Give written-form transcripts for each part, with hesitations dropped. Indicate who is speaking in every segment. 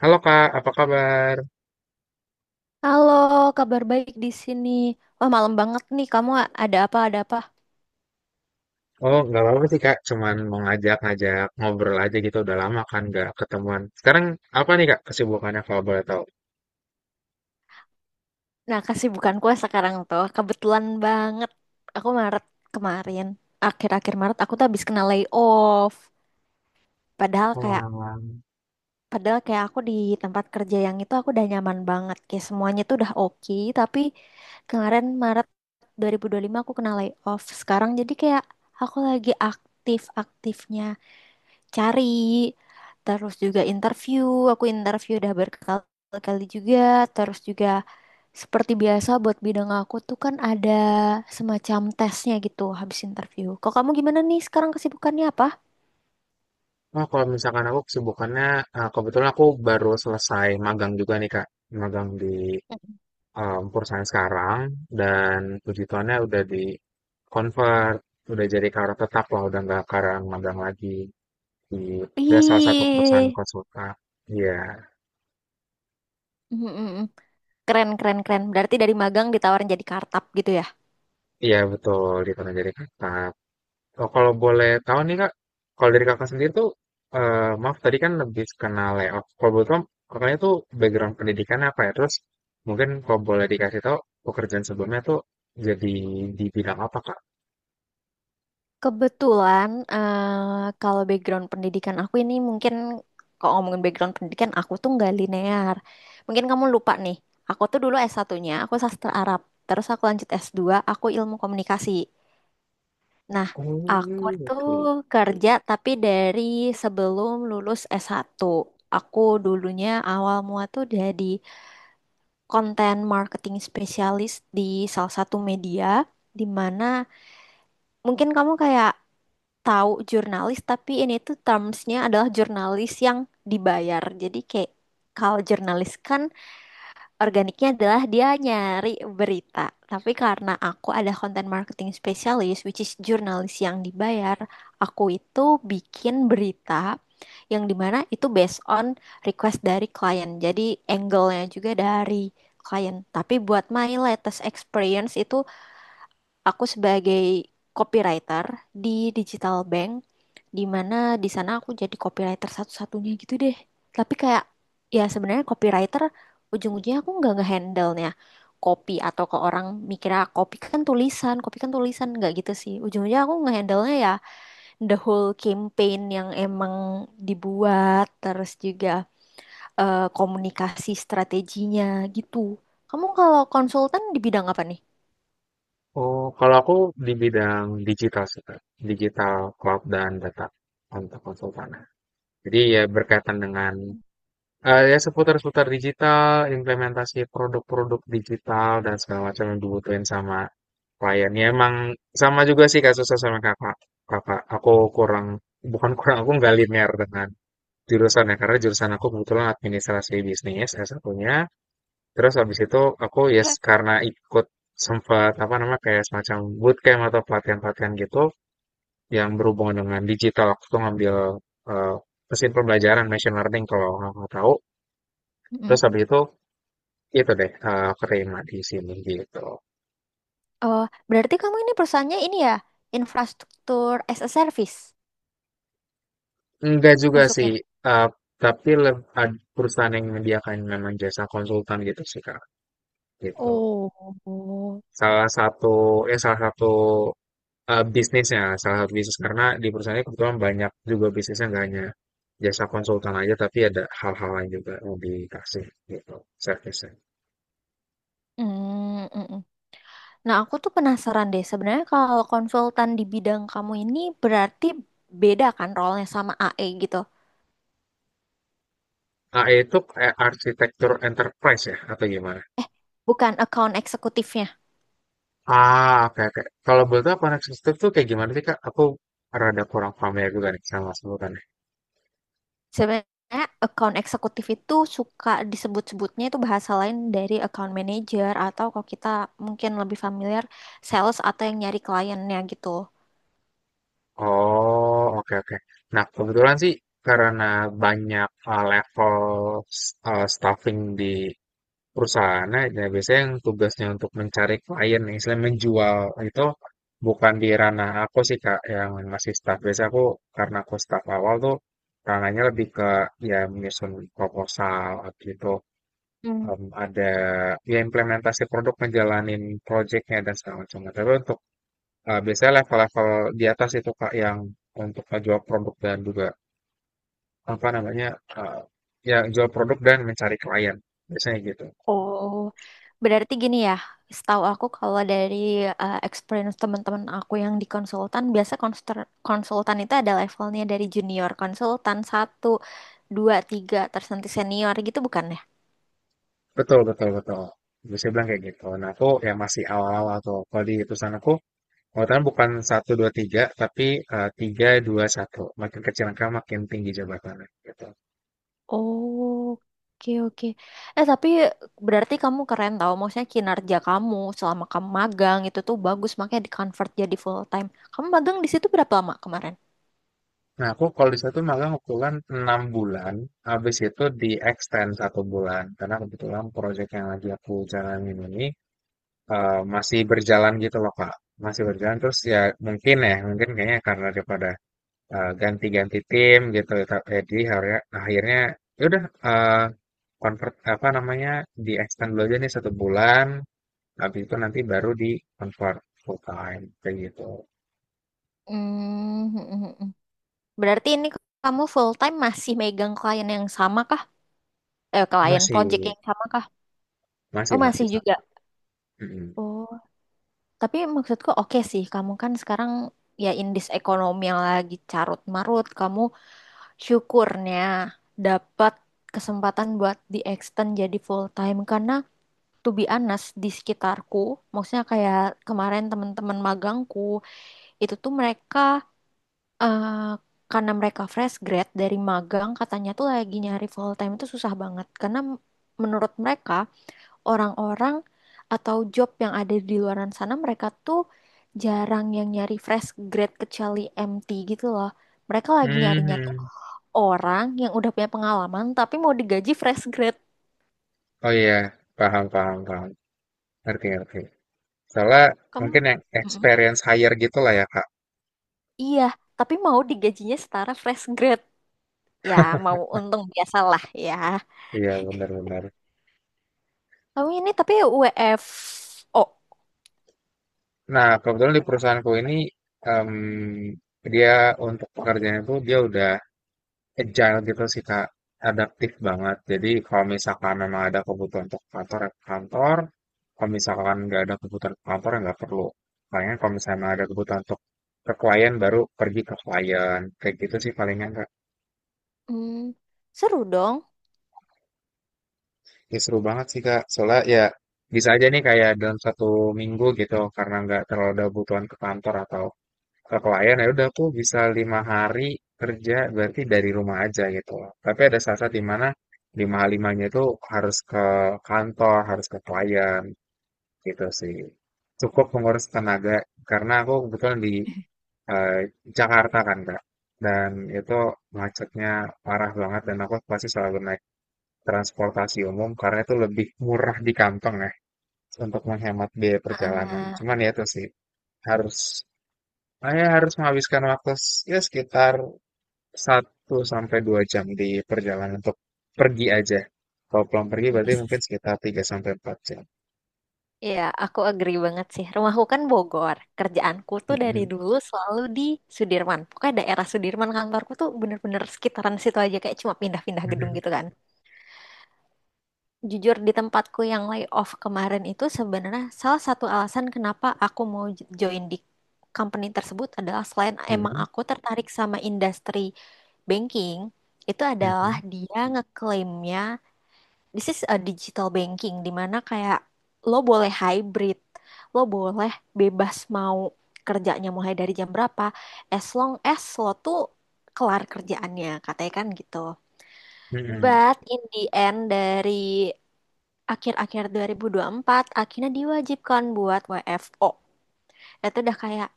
Speaker 1: Halo Kak, apa kabar?
Speaker 2: Halo, kabar baik di sini. Wah, malam banget nih. Kamu ada apa? Ada apa?
Speaker 1: Oh, nggak apa-apa sih Kak, cuman mau ngajak-ngajak ngobrol aja gitu, udah lama kan nggak ketemuan. Sekarang apa nih Kak kesibukannya kalau boleh tahu?
Speaker 2: Nah, kesibukanku sekarang tuh kebetulan banget. Aku Maret kemarin, akhir-akhir Maret aku tuh habis kena layoff. Padahal kayak
Speaker 1: Wah,
Speaker 2: padahal kayak aku di tempat kerja yang itu aku udah nyaman banget. Kayak semuanya tuh udah oke, tapi kemarin Maret dua 2025 aku kena layoff. Sekarang jadi kayak aku lagi aktif-aktifnya. Cari, terus juga interview, aku interview udah berkali-kali juga, terus juga seperti biasa buat bidang aku tuh kan ada semacam tesnya gitu habis interview. Kok kamu gimana nih sekarang kesibukannya apa?
Speaker 1: oh, kalau misalkan aku kesibukannya, kebetulan aku baru selesai magang juga nih Kak, magang di perusahaan sekarang, dan puji Tuhannya udah di convert, udah jadi karyawan tetap lah, udah nggak karang magang lagi di ya, salah satu
Speaker 2: Ih.
Speaker 1: perusahaan konsultan. Iya.
Speaker 2: mm, mm, mm. Keren keren keren, berarti dari magang ditawarin jadi kartap gitu ya.
Speaker 1: Iya betul, ditonton dari kakak. Oh, kalau boleh tahu nih Kak, kalau dari kakak sendiri tuh, maaf tadi kan lebih kenal layout. Kalau boleh tahu, kakaknya tuh background pendidikan apa ya? Terus mungkin kalau boleh dikasih tahu, pekerjaan sebelumnya tuh jadi di bidang apa Kak?
Speaker 2: Kebetulan, kalau background pendidikan aku ini mungkin kalau ngomongin background pendidikan aku tuh nggak linear. Mungkin kamu lupa nih, aku tuh dulu S1-nya, aku sastra Arab. Terus aku lanjut S2, aku ilmu komunikasi. Nah, aku
Speaker 1: Oh,
Speaker 2: tuh
Speaker 1: oke.
Speaker 2: kerja tapi dari sebelum lulus S1. Aku dulunya awal mua tuh jadi content marketing spesialis di salah satu media, di mana mungkin kamu kayak tahu jurnalis, tapi ini tuh termsnya adalah jurnalis yang dibayar. Jadi kayak kalau jurnalis kan organiknya adalah dia nyari berita, tapi karena aku ada content marketing specialist, which is jurnalis yang dibayar, aku itu bikin berita yang dimana itu based on request dari klien, jadi angle-nya juga dari klien. Tapi buat my latest experience itu aku sebagai copywriter di digital bank, di mana di sana aku jadi copywriter satu-satunya gitu deh. Tapi kayak ya sebenarnya copywriter, ujung-ujungnya aku nggak ngehandle-nya copy. Atau ke orang mikirnya copy kan tulisan, copy kan tulisan, nggak gitu sih. Ujung-ujungnya aku ngehandle-nya ya the whole campaign yang emang dibuat, terus juga komunikasi strateginya gitu. Kamu kalau konsultan di bidang apa nih?
Speaker 1: Oh, kalau aku di bidang digital sih Kak, digital cloud dan data untuk konsultan. Jadi ya berkaitan dengan ya seputar-seputar digital, implementasi produk-produk digital dan segala macam yang dibutuhin sama klien. Ya emang sama juga sih kasusnya sama Kakak Kakak. Aku kurang bukan kurang, aku nggak linear dengan jurusan ya, karena jurusan aku kebetulan administrasi bisnis salah satunya terus habis itu aku yes karena ikut sempat apa namanya, kayak semacam bootcamp atau pelatihan-pelatihan gitu yang berhubungan dengan digital. Aku tuh ngambil, eee, mesin pembelajaran machine learning kalau nggak tahu. Terus habis itu deh, Prima di sini gitu.
Speaker 2: Oh, berarti kamu ini perusahaannya ini ya, infrastruktur as a service
Speaker 1: Enggak juga sih,
Speaker 2: masuknya.
Speaker 1: eee, tapi leb ad perusahaan yang menyediakan memang jasa konsultan gitu sih, Kak, gitu.
Speaker 2: Oh.
Speaker 1: Salah satu ya salah satu, bisnisnya, salah satu bisnis karena di perusahaannya kebetulan banyak juga bisnisnya nggak hanya jasa konsultan aja, tapi ada hal-hal lain juga yang dikasih gitu servisnya.
Speaker 2: Hmm. Mm. Nah, aku tuh penasaran deh. Sebenarnya kalau konsultan di bidang kamu ini berarti beda kan role-nya sama AE gitu.
Speaker 1: AE itu kayak arsitektur enterprise ya atau gimana?
Speaker 2: Bukan account eksekutifnya.
Speaker 1: Ah, oke, oke. Kalau boleh tahu Connect System tuh kayak gimana sih, Kak? Aku rada kurang familiar juga nih sama sebutannya.
Speaker 2: Sebenarnya account eksekutif itu suka disebut-sebutnya itu bahasa lain dari account manager, atau kalau kita mungkin lebih familiar, sales atau yang nyari kliennya gitu.
Speaker 1: Oh, oke, oke. Nah, kebetulan sih karena banyak level staffing di perusahaannya, ya biasanya yang tugasnya untuk mencari klien, misalnya menjual itu bukan di ranah aku sih, Kak, yang masih staff. Biasanya aku, karena aku staff awal tuh, ranahnya lebih ke ya menyusun proposal gitu, ada ya implementasi produk ngejalanin projectnya dan segala macamnya. Tapi untuk biasanya level-level di atas itu Kak yang untuk jual produk dan juga apa namanya uh, ya jual produk dan mencari klien biasanya gitu.
Speaker 2: Oh, berarti gini ya, setahu aku kalau dari experience teman-teman aku yang di konsultan, biasa konsultan itu ada levelnya dari junior konsultan satu, dua, tiga, terus nanti senior gitu, bukan ya?
Speaker 1: Betul betul betul. Bisa bilang kayak gitu. Nah aku ya masih awal-awal atau kalau di perusahaan aku Pengetahuan bukan satu dua tiga tapi tiga dua satu. Makin kecil angka makin tinggi jabatannya gitu.
Speaker 2: Oh, oke oke. Eh tapi berarti kamu keren tau, maksudnya kinerja kamu selama kamu magang itu tuh bagus, makanya di convert jadi full time. Kamu magang di situ berapa lama kemarin?
Speaker 1: Nah, aku kalau di situ malah kebetulan enam bulan, habis itu di extend satu bulan. Karena kebetulan proyek yang lagi aku jalanin ini masih berjalan gitu loh, Kak. Masih berjalan terus ya, mungkin kayaknya karena daripada ganti-ganti tim gitu. Jadi akhirnya, ya udah eh, convert apa namanya di extend dulu aja nih satu bulan. Habis itu nanti baru di convert full time kayak gitu.
Speaker 2: Hmm. Berarti ini kamu full time masih megang klien yang sama kah? Eh, klien
Speaker 1: Masih,
Speaker 2: project yang sama kah?
Speaker 1: masih,
Speaker 2: Oh,
Speaker 1: masih
Speaker 2: masih juga.
Speaker 1: sama. Mm-mm.
Speaker 2: Oh, tapi maksudku oke sih. Kamu kan sekarang ya in this ekonomi yang lagi carut marut, kamu syukurnya dapat kesempatan buat di extend jadi full time, karena to be honest di sekitarku, maksudnya kayak kemarin teman-teman magangku, itu tuh mereka eh karena mereka fresh grad dari magang, katanya tuh lagi nyari full time itu susah banget karena menurut mereka orang-orang atau job yang ada di luaran sana, mereka tuh jarang yang nyari fresh grad kecuali MT gitu loh. Mereka lagi nyarinya tuh
Speaker 1: Mhm.
Speaker 2: orang yang udah punya pengalaman tapi mau digaji fresh grad.
Speaker 1: Oh iya, paham, paham, paham. Ngerti, ngerti. Soalnya
Speaker 2: Kamu.
Speaker 1: mungkin yang
Speaker 2: Mm-mm.
Speaker 1: experience higher gitu lah ya, Kak.
Speaker 2: Iya, tapi mau digajinya setara fresh grad, ya mau untung biasalah ya.
Speaker 1: Iya, benar-benar.
Speaker 2: Kamu ini tapi WFO?
Speaker 1: Nah, kebetulan di perusahaanku ini, em, dia untuk pekerjaan itu dia udah agile gitu sih, Kak. Adaptif banget. Jadi kalau misalkan memang ada kebutuhan untuk kantor, ya ke kantor. Kalau misalkan nggak ada kebutuhan ke kantor, ya nggak perlu. Palingan kalau misalnya memang ada kebutuhan untuk ke klien, baru pergi ke klien. Kayak gitu sih palingan,
Speaker 2: Hmm, seru dong.
Speaker 1: ya, seru banget sih Kak. Soalnya ya bisa aja nih kayak dalam satu minggu gitu karena nggak terlalu ada kebutuhan ke kantor atau ke klien ya udah aku bisa lima hari kerja berarti dari rumah aja gitu loh. Tapi ada saat-saat di mana lima hari limanya itu harus ke kantor, harus ke klien gitu sih. Cukup menguras tenaga karena aku kebetulan di eh, Jakarta kan Kak. Dan itu macetnya parah banget dan aku pasti selalu naik transportasi umum karena itu lebih murah di kantong ya untuk menghemat biaya perjalanan.
Speaker 2: Ah,
Speaker 1: Cuman ya itu sih harus harus menghabiskan waktu ya sekitar satu sampai 2 jam di perjalanan untuk pergi aja. Kalau pulang pergi berarti mungkin
Speaker 2: yes.
Speaker 1: sekitar 3 sampai 4 jam.
Speaker 2: Iya, aku agree banget sih. Rumahku kan Bogor. Kerjaanku tuh dari
Speaker 1: Mhm,
Speaker 2: dulu selalu di Sudirman. Pokoknya daerah Sudirman, kantorku tuh bener-bener sekitaran situ aja. Kayak cuma pindah-pindah gedung
Speaker 1: mhm,
Speaker 2: gitu kan. Jujur di tempatku yang layoff kemarin itu sebenarnya salah satu alasan kenapa aku mau join di company tersebut adalah selain emang
Speaker 1: mhm,
Speaker 2: aku tertarik sama industri banking, itu adalah
Speaker 1: mhm,
Speaker 2: dia ngeklaimnya this is a digital banking di mana kayak lo boleh hybrid, lo boleh bebas mau kerjanya mulai dari jam berapa, as long as lo tuh kelar kerjaannya, katanya kan gitu.
Speaker 1: mhm,
Speaker 2: But in the end dari akhir-akhir 2024 akhirnya diwajibkan buat WFO. Itu udah kayak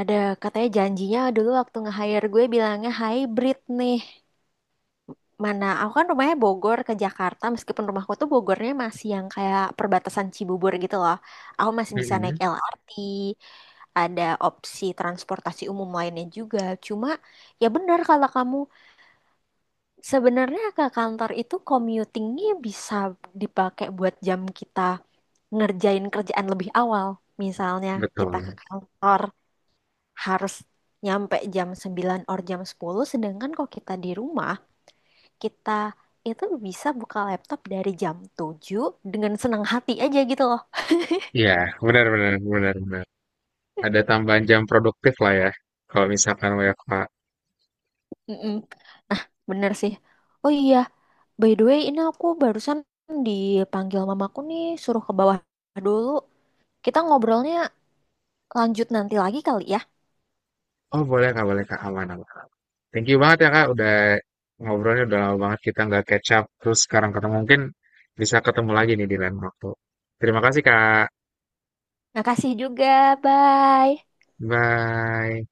Speaker 2: ada, katanya janjinya dulu waktu nge-hire gue bilangnya hybrid nih. Mana, aku kan rumahnya Bogor ke Jakarta, meskipun rumahku tuh Bogornya masih yang kayak perbatasan Cibubur gitu loh. Aku masih bisa naik
Speaker 1: mhm.
Speaker 2: LRT, ada opsi transportasi umum lainnya juga. Cuma ya benar, kalau kamu sebenarnya ke kantor itu commutingnya bisa dipakai buat jam kita ngerjain kerjaan lebih awal. Misalnya kita ke
Speaker 1: Betul.
Speaker 2: kantor harus nyampe jam 9 or jam 10, sedangkan kalau kita di rumah, kita itu bisa buka laptop dari jam 7 dengan senang hati aja gitu loh.
Speaker 1: Iya, benar benar benar benar. Ada tambahan jam produktif lah ya. Kalau misalkan WFH.
Speaker 2: Mm-mm, bener sih. Oh iya, by the way ini aku barusan dipanggil mamaku nih, suruh ke bawah dulu. Kita ngobrolnya lanjut nanti lagi kali ya.
Speaker 1: Oh, boleh Kak, aman aman. Thank you banget ya Kak, udah ngobrolnya udah lama banget kita nggak catch up. Terus sekarang ketemu mungkin bisa ketemu lagi nih di lain waktu. Terima kasih Kak.
Speaker 2: Makasih juga, bye.
Speaker 1: Bye.